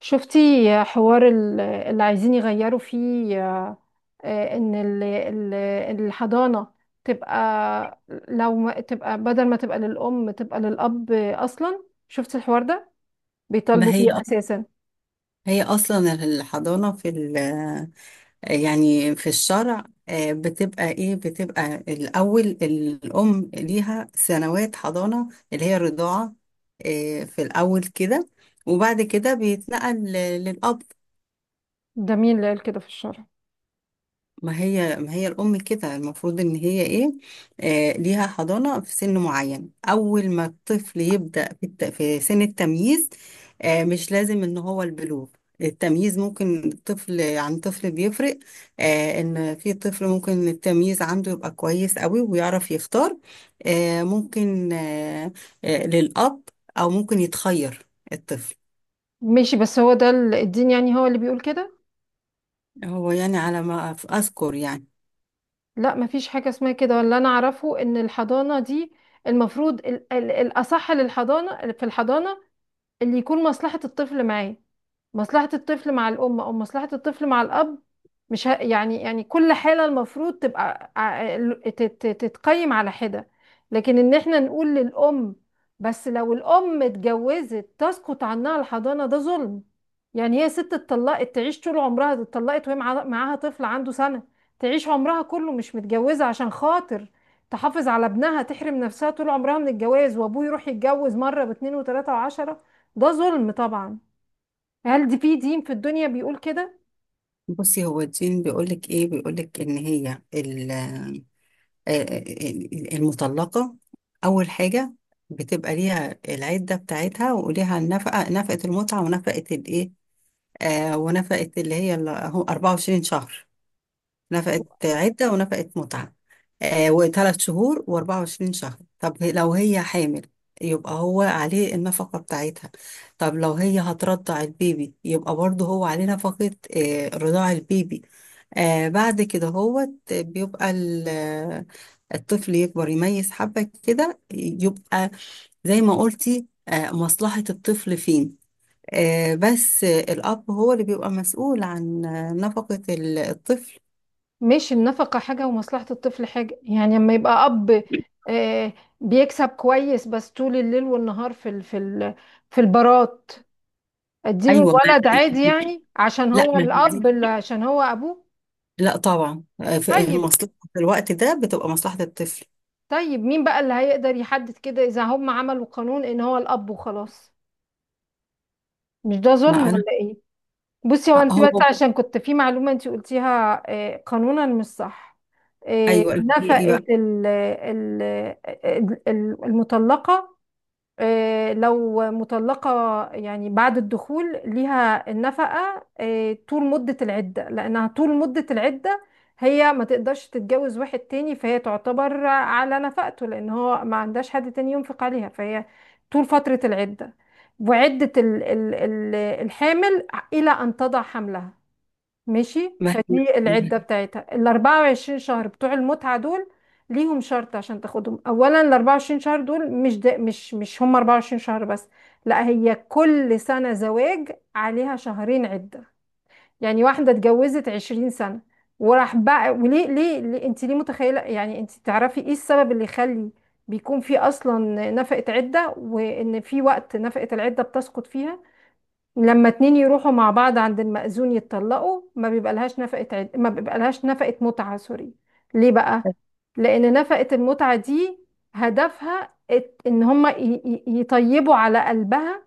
شفتي حوار اللي عايزين يغيروا فيه ان الحضانة تبقى، لو ما تبقى، بدل ما تبقى للأم تبقى للأب أصلا. شفتي الحوار ده؟ ما بيطالبوا هي بيه أساسا. هي اصلا الحضانه في ال يعني في الشرع، بتبقى ايه، بتبقى الاول الام ليها سنوات حضانه اللي هي الرضاعه، في الاول كده، وبعد كده بيتنقل للاب. ده مين اللي قال كده في الشرع؟ ما هي الأم كده المفروض إن هي إيه. ليها حضانة في سن معين، أول ما الطفل يبدأ في سن التمييز. مش لازم إن هو البلوغ، التمييز ممكن طفل عن طفل بيفرق. إن في طفل ممكن التمييز عنده يبقى كويس قوي ويعرف يختار، ممكن، للأب، أو ممكن يتخير الطفل. ماشي، بس هو ده الدين يعني هو اللي بيقول كده؟ هو يعني على ما أذكر يعني. لا، مفيش حاجة اسمها كده، ولا أنا أعرفه. إن الحضانة دي المفروض الأصح للحضانة، في الحضانة اللي يكون مصلحة الطفل معاه. مصلحة الطفل مع الأم أو مصلحة الطفل مع الأب؟ مش ه... يعني كل حالة المفروض تبقى تتقيم على حدة. لكن إن إحنا نقول للأم بس لو الأم اتجوزت تسقط عنها الحضانة، ده ظلم. يعني هي ست اتطلقت تعيش طول عمرها، دي اتطلقت وهي معاها طفل عنده سنة، تعيش عمرها كله مش متجوزة عشان خاطر تحافظ على ابنها، تحرم نفسها طول عمرها من الجواز، وابوه يروح يتجوز مرة باتنين وتلاتة وعشرة؟ ده ظلم طبعا. هل دي في دين في الدنيا بيقول كده؟ بصي، هو الدين بيقولك ايه، بيقولك ان هي آه، المطلقة، اول حاجة بتبقى ليها العدة بتاعتها وليها النفقة، نفقة المتعة ونفقة الايه، ونفقة اللي هي هو 24 شهر، نفقت عدة ونفقت متعة، وثلاث شهور وأربعة وعشرين شهر. طب لو هي حامل يبقى هو عليه النفقة بتاعتها. طب لو هي هترضع البيبي يبقى برضه هو عليه نفقة رضاع البيبي. بعد كده هو بيبقى الطفل يكبر يميز حبة كده، يبقى زي ما قلتي، مصلحة الطفل فين. بس الأب هو اللي بيبقى مسؤول عن نفقة الطفل. مش النفقة حاجة ومصلحة الطفل حاجة؟ يعني لما يبقى أب آه، بيكسب كويس بس طول الليل والنهار في البارات، اديله ايوه، ما الولد عادي يعني عشان لا، هو ما دي الأب، اللي عشان هو أبوه؟ لا طبعا، في طيب. المصلحه في الوقت ده بتبقى مصلحه الطفل. طيب، مين بقى اللي هيقدر يحدد كده إذا هم عملوا قانون إن هو الأب وخلاص؟ مش ده ظلم ما ولا انا إيه؟ بصي، هو انت هو. بس عشان كنت في معلومة انت قلتيها قانونا مش صح. ايوه، نفقة ايه بقى؟ المطلقة، لو مطلقة يعني بعد الدخول ليها النفقة طول مدة العدة، لأنها طول مدة العدة هي ما تقدرش تتجوز واحد تاني، فهي تعتبر على نفقته لأن هو ما عندهاش حد تاني ينفق عليها، فهي طول فترة العدة. وعدة الحامل إلى أن تضع حملها. ماشي، ما فدي العدة بتاعتها، ال 24 شهر بتوع المتعة دول ليهم شرط عشان تاخدهم. اولا ال 24 شهر دول، مش ده، مش هم 24 شهر بس؟ لا، هي كل سنة زواج عليها شهرين عدة. يعني واحدة اتجوزت 20 سنة وراح بقى وليه ليه, ليه انت ليه متخيلة يعني، انت تعرفي ايه السبب اللي يخلي بيكون في اصلا نفقة عدة، وان في وقت نفقة العدة بتسقط فيها؟ لما اتنين يروحوا مع بعض عند المأذون يتطلقوا ما بيبقى لهاش ما بيبقى لهاش نفقة متعة، سوري. ليه بقى؟ لأن نفقة المتعة دي هدفها إن هما يطيبوا على قلبها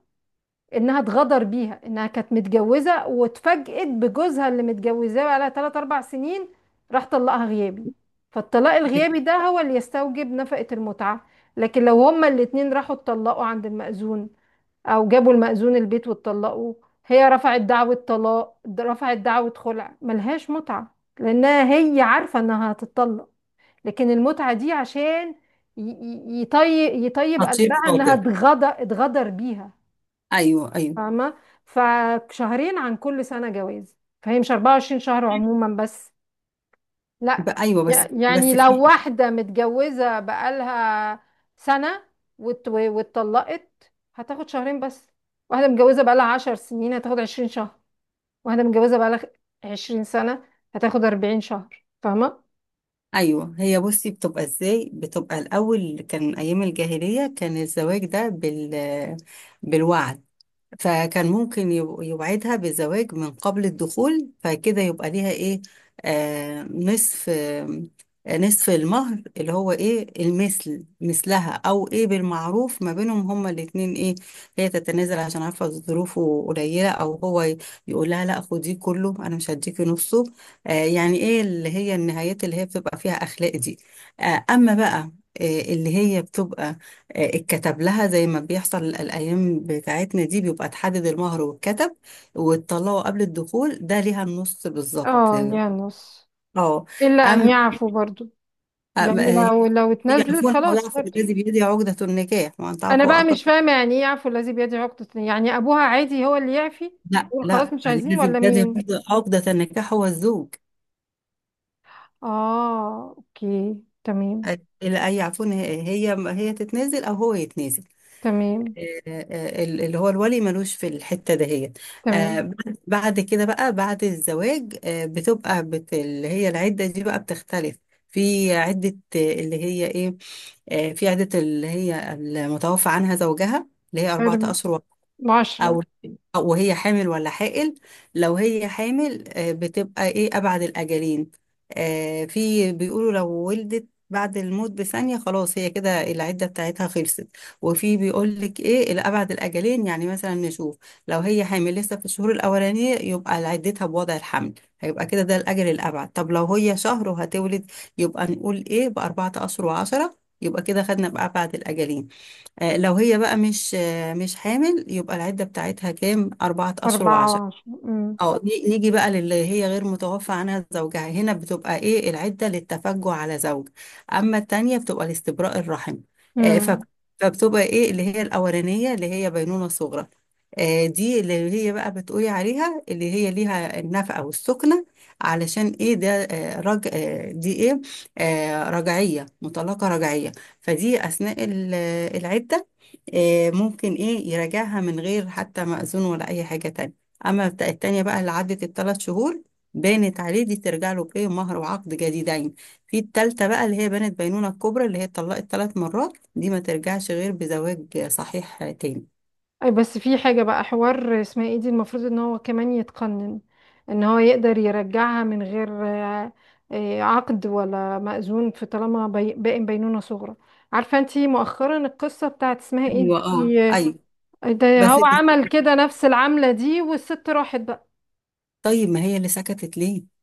إنها اتغدر بيها، إنها كانت متجوزة واتفاجئت بجوزها اللي متجوزاه بقالها تلات أربع سنين راح طلقها غيابي. فالطلاق الغيابي ما- ده هو اللي يستوجب نفقة المتعة. لكن لو هما الاتنين راحوا اتطلقوا عند المأذون، او جابوا المأذون البيت واتطلقوا، هي رفعت دعوة رفعت دعوة خلع، ملهاش متعة لانها هي عارفة انها هتتطلق. لكن المتعة دي عشان يطيب خطير قلبها انها خاطر. اتغدر بيها. ايوه ايوه. فاهمة؟ فشهرين عن كل سنة جواز، فهي مش 24 شهر عموما بس. لا، بقى ايوه، بس يعني بس في. لو واحدة متجوزة بقالها سنة واتطلقت هتاخد شهرين بس. واحدة متجوزة بقالها 10 سنين هتاخد 20 شهر. واحدة متجوزة بقالها 20 سنة هتاخد 40 شهر، فاهمة؟ ايوه، هي بصي بتبقى ازاي، بتبقى الاول كان ايام الجاهليه كان الزواج ده بالوعد، فكان ممكن يوعدها بزواج من قبل الدخول فكده يبقى ليها ايه، نصف، نصف المهر اللي هو ايه، المثل مثلها او ايه بالمعروف ما بينهم هما الاتنين. ايه، هي تتنازل عشان عارفة ظروفه قليلة، او هو يقول لها لا خديه كله انا مش هديكي نصه، يعني ايه اللي هي النهايات اللي هي بتبقى فيها اخلاق دي. اما بقى اللي هي بتبقى اتكتب لها زي ما بيحصل الأيام بتاعتنا دي، بيبقى تحدد المهر واتكتب وتطلعه قبل الدخول، ده ليها النص بالظبط. اه يعني نص. اه. إلا أن أما يعفوا برضو. أما- يعني آه، لو اتنازلت يعرفون خلاص أولها في برضو. الذي بيدي عقدة النكاح، وأن أنا تعرفوا بقى أقرب. مش فاهمة يعني إيه يعفو الذي بيده عقدة، يعني أبوها عادي هو اللي يعفي، لا يقول لا، خلاص مش عايزين الذي ولا بيدي مين؟ عقدة النكاح هو الزوج. اه، اوكي. تمام. لا، يعرفون، هي تتنازل أو هو يتنازل. تمام. آه، اللي هو الولي ملوش في الحتة دهيت. تمام. بعد كده بقى بعد الزواج، بتبقى اللي هي العدة دي بقى بتختلف. في عدة اللي هي ايه، آه، في عدة اللي هي المتوفى عنها زوجها، اللي هي أربعة أرب... أشهر عشرة. او أو وهي حامل ولا حائل. لو هي حامل، بتبقى ايه، ابعد الاجلين. في بيقولوا لو ولدت بعد الموت بثانية خلاص هي كده العدة بتاعتها خلصت، وفي بيقول لك ايه، الابعد الاجلين. يعني مثلا نشوف، لو هي حامل لسه في الشهور الاولانية يبقى عدتها بوضع الحمل، هيبقى كده ده الاجل الابعد. طب لو هي شهر وهتولد يبقى نقول ايه، بـ4 اشهر و10، يبقى كده خدنا بأبعد الأجلين. لو هي بقى مش حامل، يبقى العدة بتاعتها كام، أربعة أشهر أربعة وعشرة وعشرة. أمم. اه، نيجي بقى للي هي غير متوفى عنها زوجها، هنا بتبقى ايه العدة، للتفجع على زوج، اما التانية بتبقى لاستبراء الرحم. آه فب- أمم. فبتبقى ايه اللي هي الاولانية، اللي هي بينونة صغرى، دي اللي هي بقى بتقولي عليها، اللي هي ليها النفقة والسكنة، علشان ايه ده، آه رج آه دي ايه، رجعية، مطلقة رجعية. فدي اثناء العدة ممكن ايه يراجعها من غير حتى مأذون ولا اي حاجة تانية. أما بتاع التانية بقى، اللي عدت الثلاث شهور، بانت عليه، دي ترجع له بإيه، مهر وعقد جديدين. في التالتة بقى اللي هي بانت بينونة الكبرى، اللي هي اتطلقت 3 مرات، دي ما ترجعش غير بزواج صحيح تاني. أي، بس في حاجة بقى حوار اسمها ايه دي المفروض ان هو كمان يتقنن، ان هو يقدر يرجعها من غير عقد ولا مأذون، في طالما باقي بينونة صغرى. عارفة انتي مؤخرا القصة بتاعت اسمها ايه دي، أيوة ده هو بس. عمل كده نفس العملة دي والست راحت بقى. طيب، ما هي اللي سكتت ليه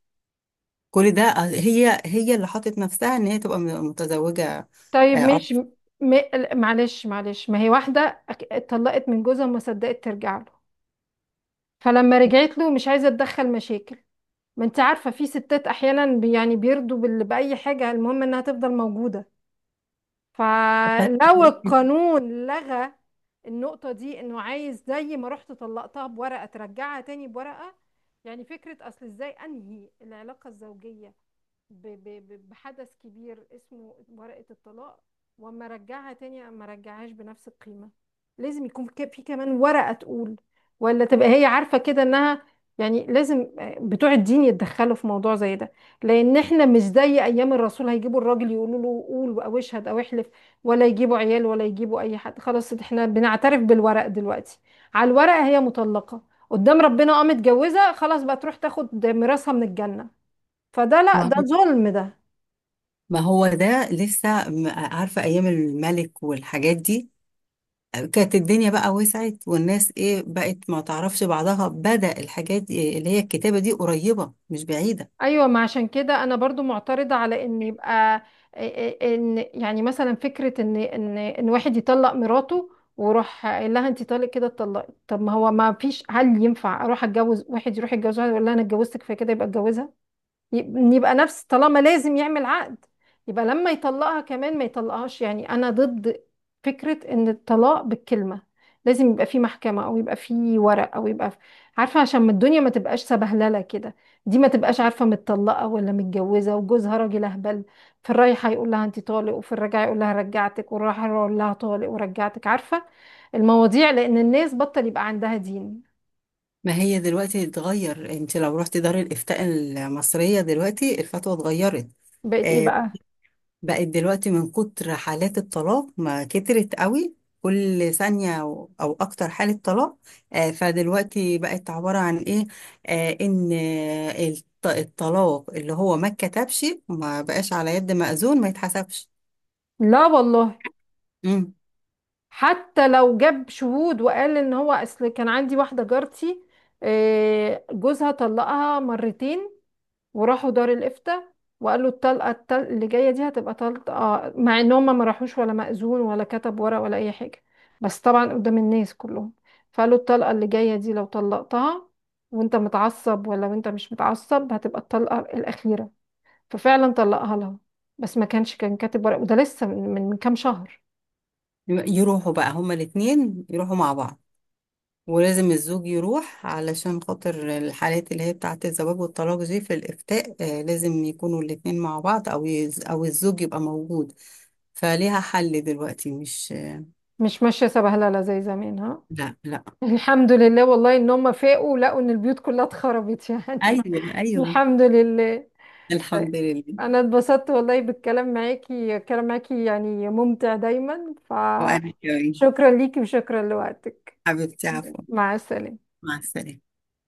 كل ده، هي اللي حطت نفسها إن هي تبقى متزوجة، طيب، عقد. مش م... معلش معلش، ما هي واحدة اتطلقت من جوزها وما صدقت ترجع له، فلما رجعت له مش عايزه اتدخل مشاكل. ما انت عارفه في ستات احيانا يعني بيرضوا باي حاجه المهم انها تفضل موجوده. فلو القانون لغى النقطة دي، انه عايز زي ما رحت طلقتها بورقة ترجعها تاني بورقة، يعني فكرة اصل ازاي انهي العلاقة الزوجية بحدث كبير اسمه ورقة الطلاق، واما ارجعها تاني اما ارجعهاش بنفس القيمة. لازم يكون في كمان ورقة تقول، ولا تبقى هي عارفة كده انها. يعني لازم بتوع الدين يتدخلوا في موضوع زي ده، لان احنا مش زي ايام الرسول هيجيبوا الراجل يقولوا له قول او اشهد او احلف، ولا يجيبوا عيال ولا يجيبوا اي حد. خلاص، احنا بنعترف بالورق دلوقتي. على الورق هي مطلقة، قدام ربنا اه متجوزة، خلاص بقى تروح تاخد ميراثها من الجنة. فده لا، ما ده ظلم ده. ما هو ده لسه عارفة، أيام الملك والحاجات دي كانت الدنيا بقى وسعت والناس ايه بقت ما تعرفش بعضها، بدأ الحاجات اللي هي الكتابة دي قريبة مش بعيدة. ايوه، ما عشان كده انا برضو معترضة على ان يبقى، ان يعني مثلا فكرة ان واحد يطلق مراته وروح قايل لها انت طالق، كده اتطلقي؟ طب ما هو ما فيش، هل ينفع اروح اتجوز واحد، يروح يتجوز واحد يقول لها انا اتجوزتك فكده يبقى اتجوزها؟ يبقى نفس طالما لازم يعمل عقد، يبقى لما يطلقها كمان ما يطلقهاش. يعني انا ضد فكرة ان الطلاق بالكلمة. لازم يبقى في محكمة، او يبقى في ورق، او يبقى في. عارفة، عشان ما الدنيا ما تبقاش سبهللة كده. دي ما تبقاش عارفة متطلقة ولا متجوزة، وجوزها راجل اهبل في الرايحة يقول لها انت طالق وفي الرجعة يقول لها رجعتك، والراحة يقول لها طالق ورجعتك، عارفة المواضيع، لان الناس بطل يبقى عندها دين. ما هي دلوقتي اتغير. انت لو رحت دار الإفتاء المصرية دلوقتي الفتوى اتغيرت. بقت ايه آه بقى؟ بقت دلوقتي، من كتر حالات الطلاق، ما كترت قوي، كل ثانية أو أكتر حالة طلاق، فدلوقتي بقت عبارة عن إيه، إن الطلاق اللي هو ما اتكتبش ما بقاش على يد مأذون ما يتحسبش. لا والله، حتى لو جاب شهود. وقال ان هو، اصل كان عندي واحده جارتي جوزها طلقها مرتين وراحوا دار الافتاء، وقال له الطلقه اللي جايه دي هتبقى طلقه، مع ان هم ما راحوش ولا مأذون ولا كتب ورق ولا اي حاجه، بس طبعا قدام الناس كلهم. فقال له الطلقه اللي جايه دي لو طلقتها وانت متعصب، ولا وانت مش متعصب، هتبقى الطلقه الاخيره. ففعلا طلقها لها، بس ما كانش كان كاتب ورق، وده لسه من كام شهر. يروحوا بقى هما الاتنين يروحوا مع بعض، ولازم الزوج يروح علشان خاطر الحالات اللي هي بتاعة الزواج والطلاق دي في الإفتاء لازم يكونوا الاتنين مع بعض، أو يز أو الزوج يبقى موجود. فليها حل دلوقتي، مش. مش ماشيه سبهلله زي زمان، ها. لا لا. الحمد لله والله، ان هم فاقوا لقوا ان البيوت كلها اتخربت يعني. أيوه أيوه. الحمد لله. طيب. الحمد لله. انا اتبسطت والله بالكلام معاكي، الكلام معاكي يعني ممتع دايما، وأنا كمان. فشكرا ليكي وشكرا لوقتك. حبيبتي، عفوا. مع السلامة. مع السلامة.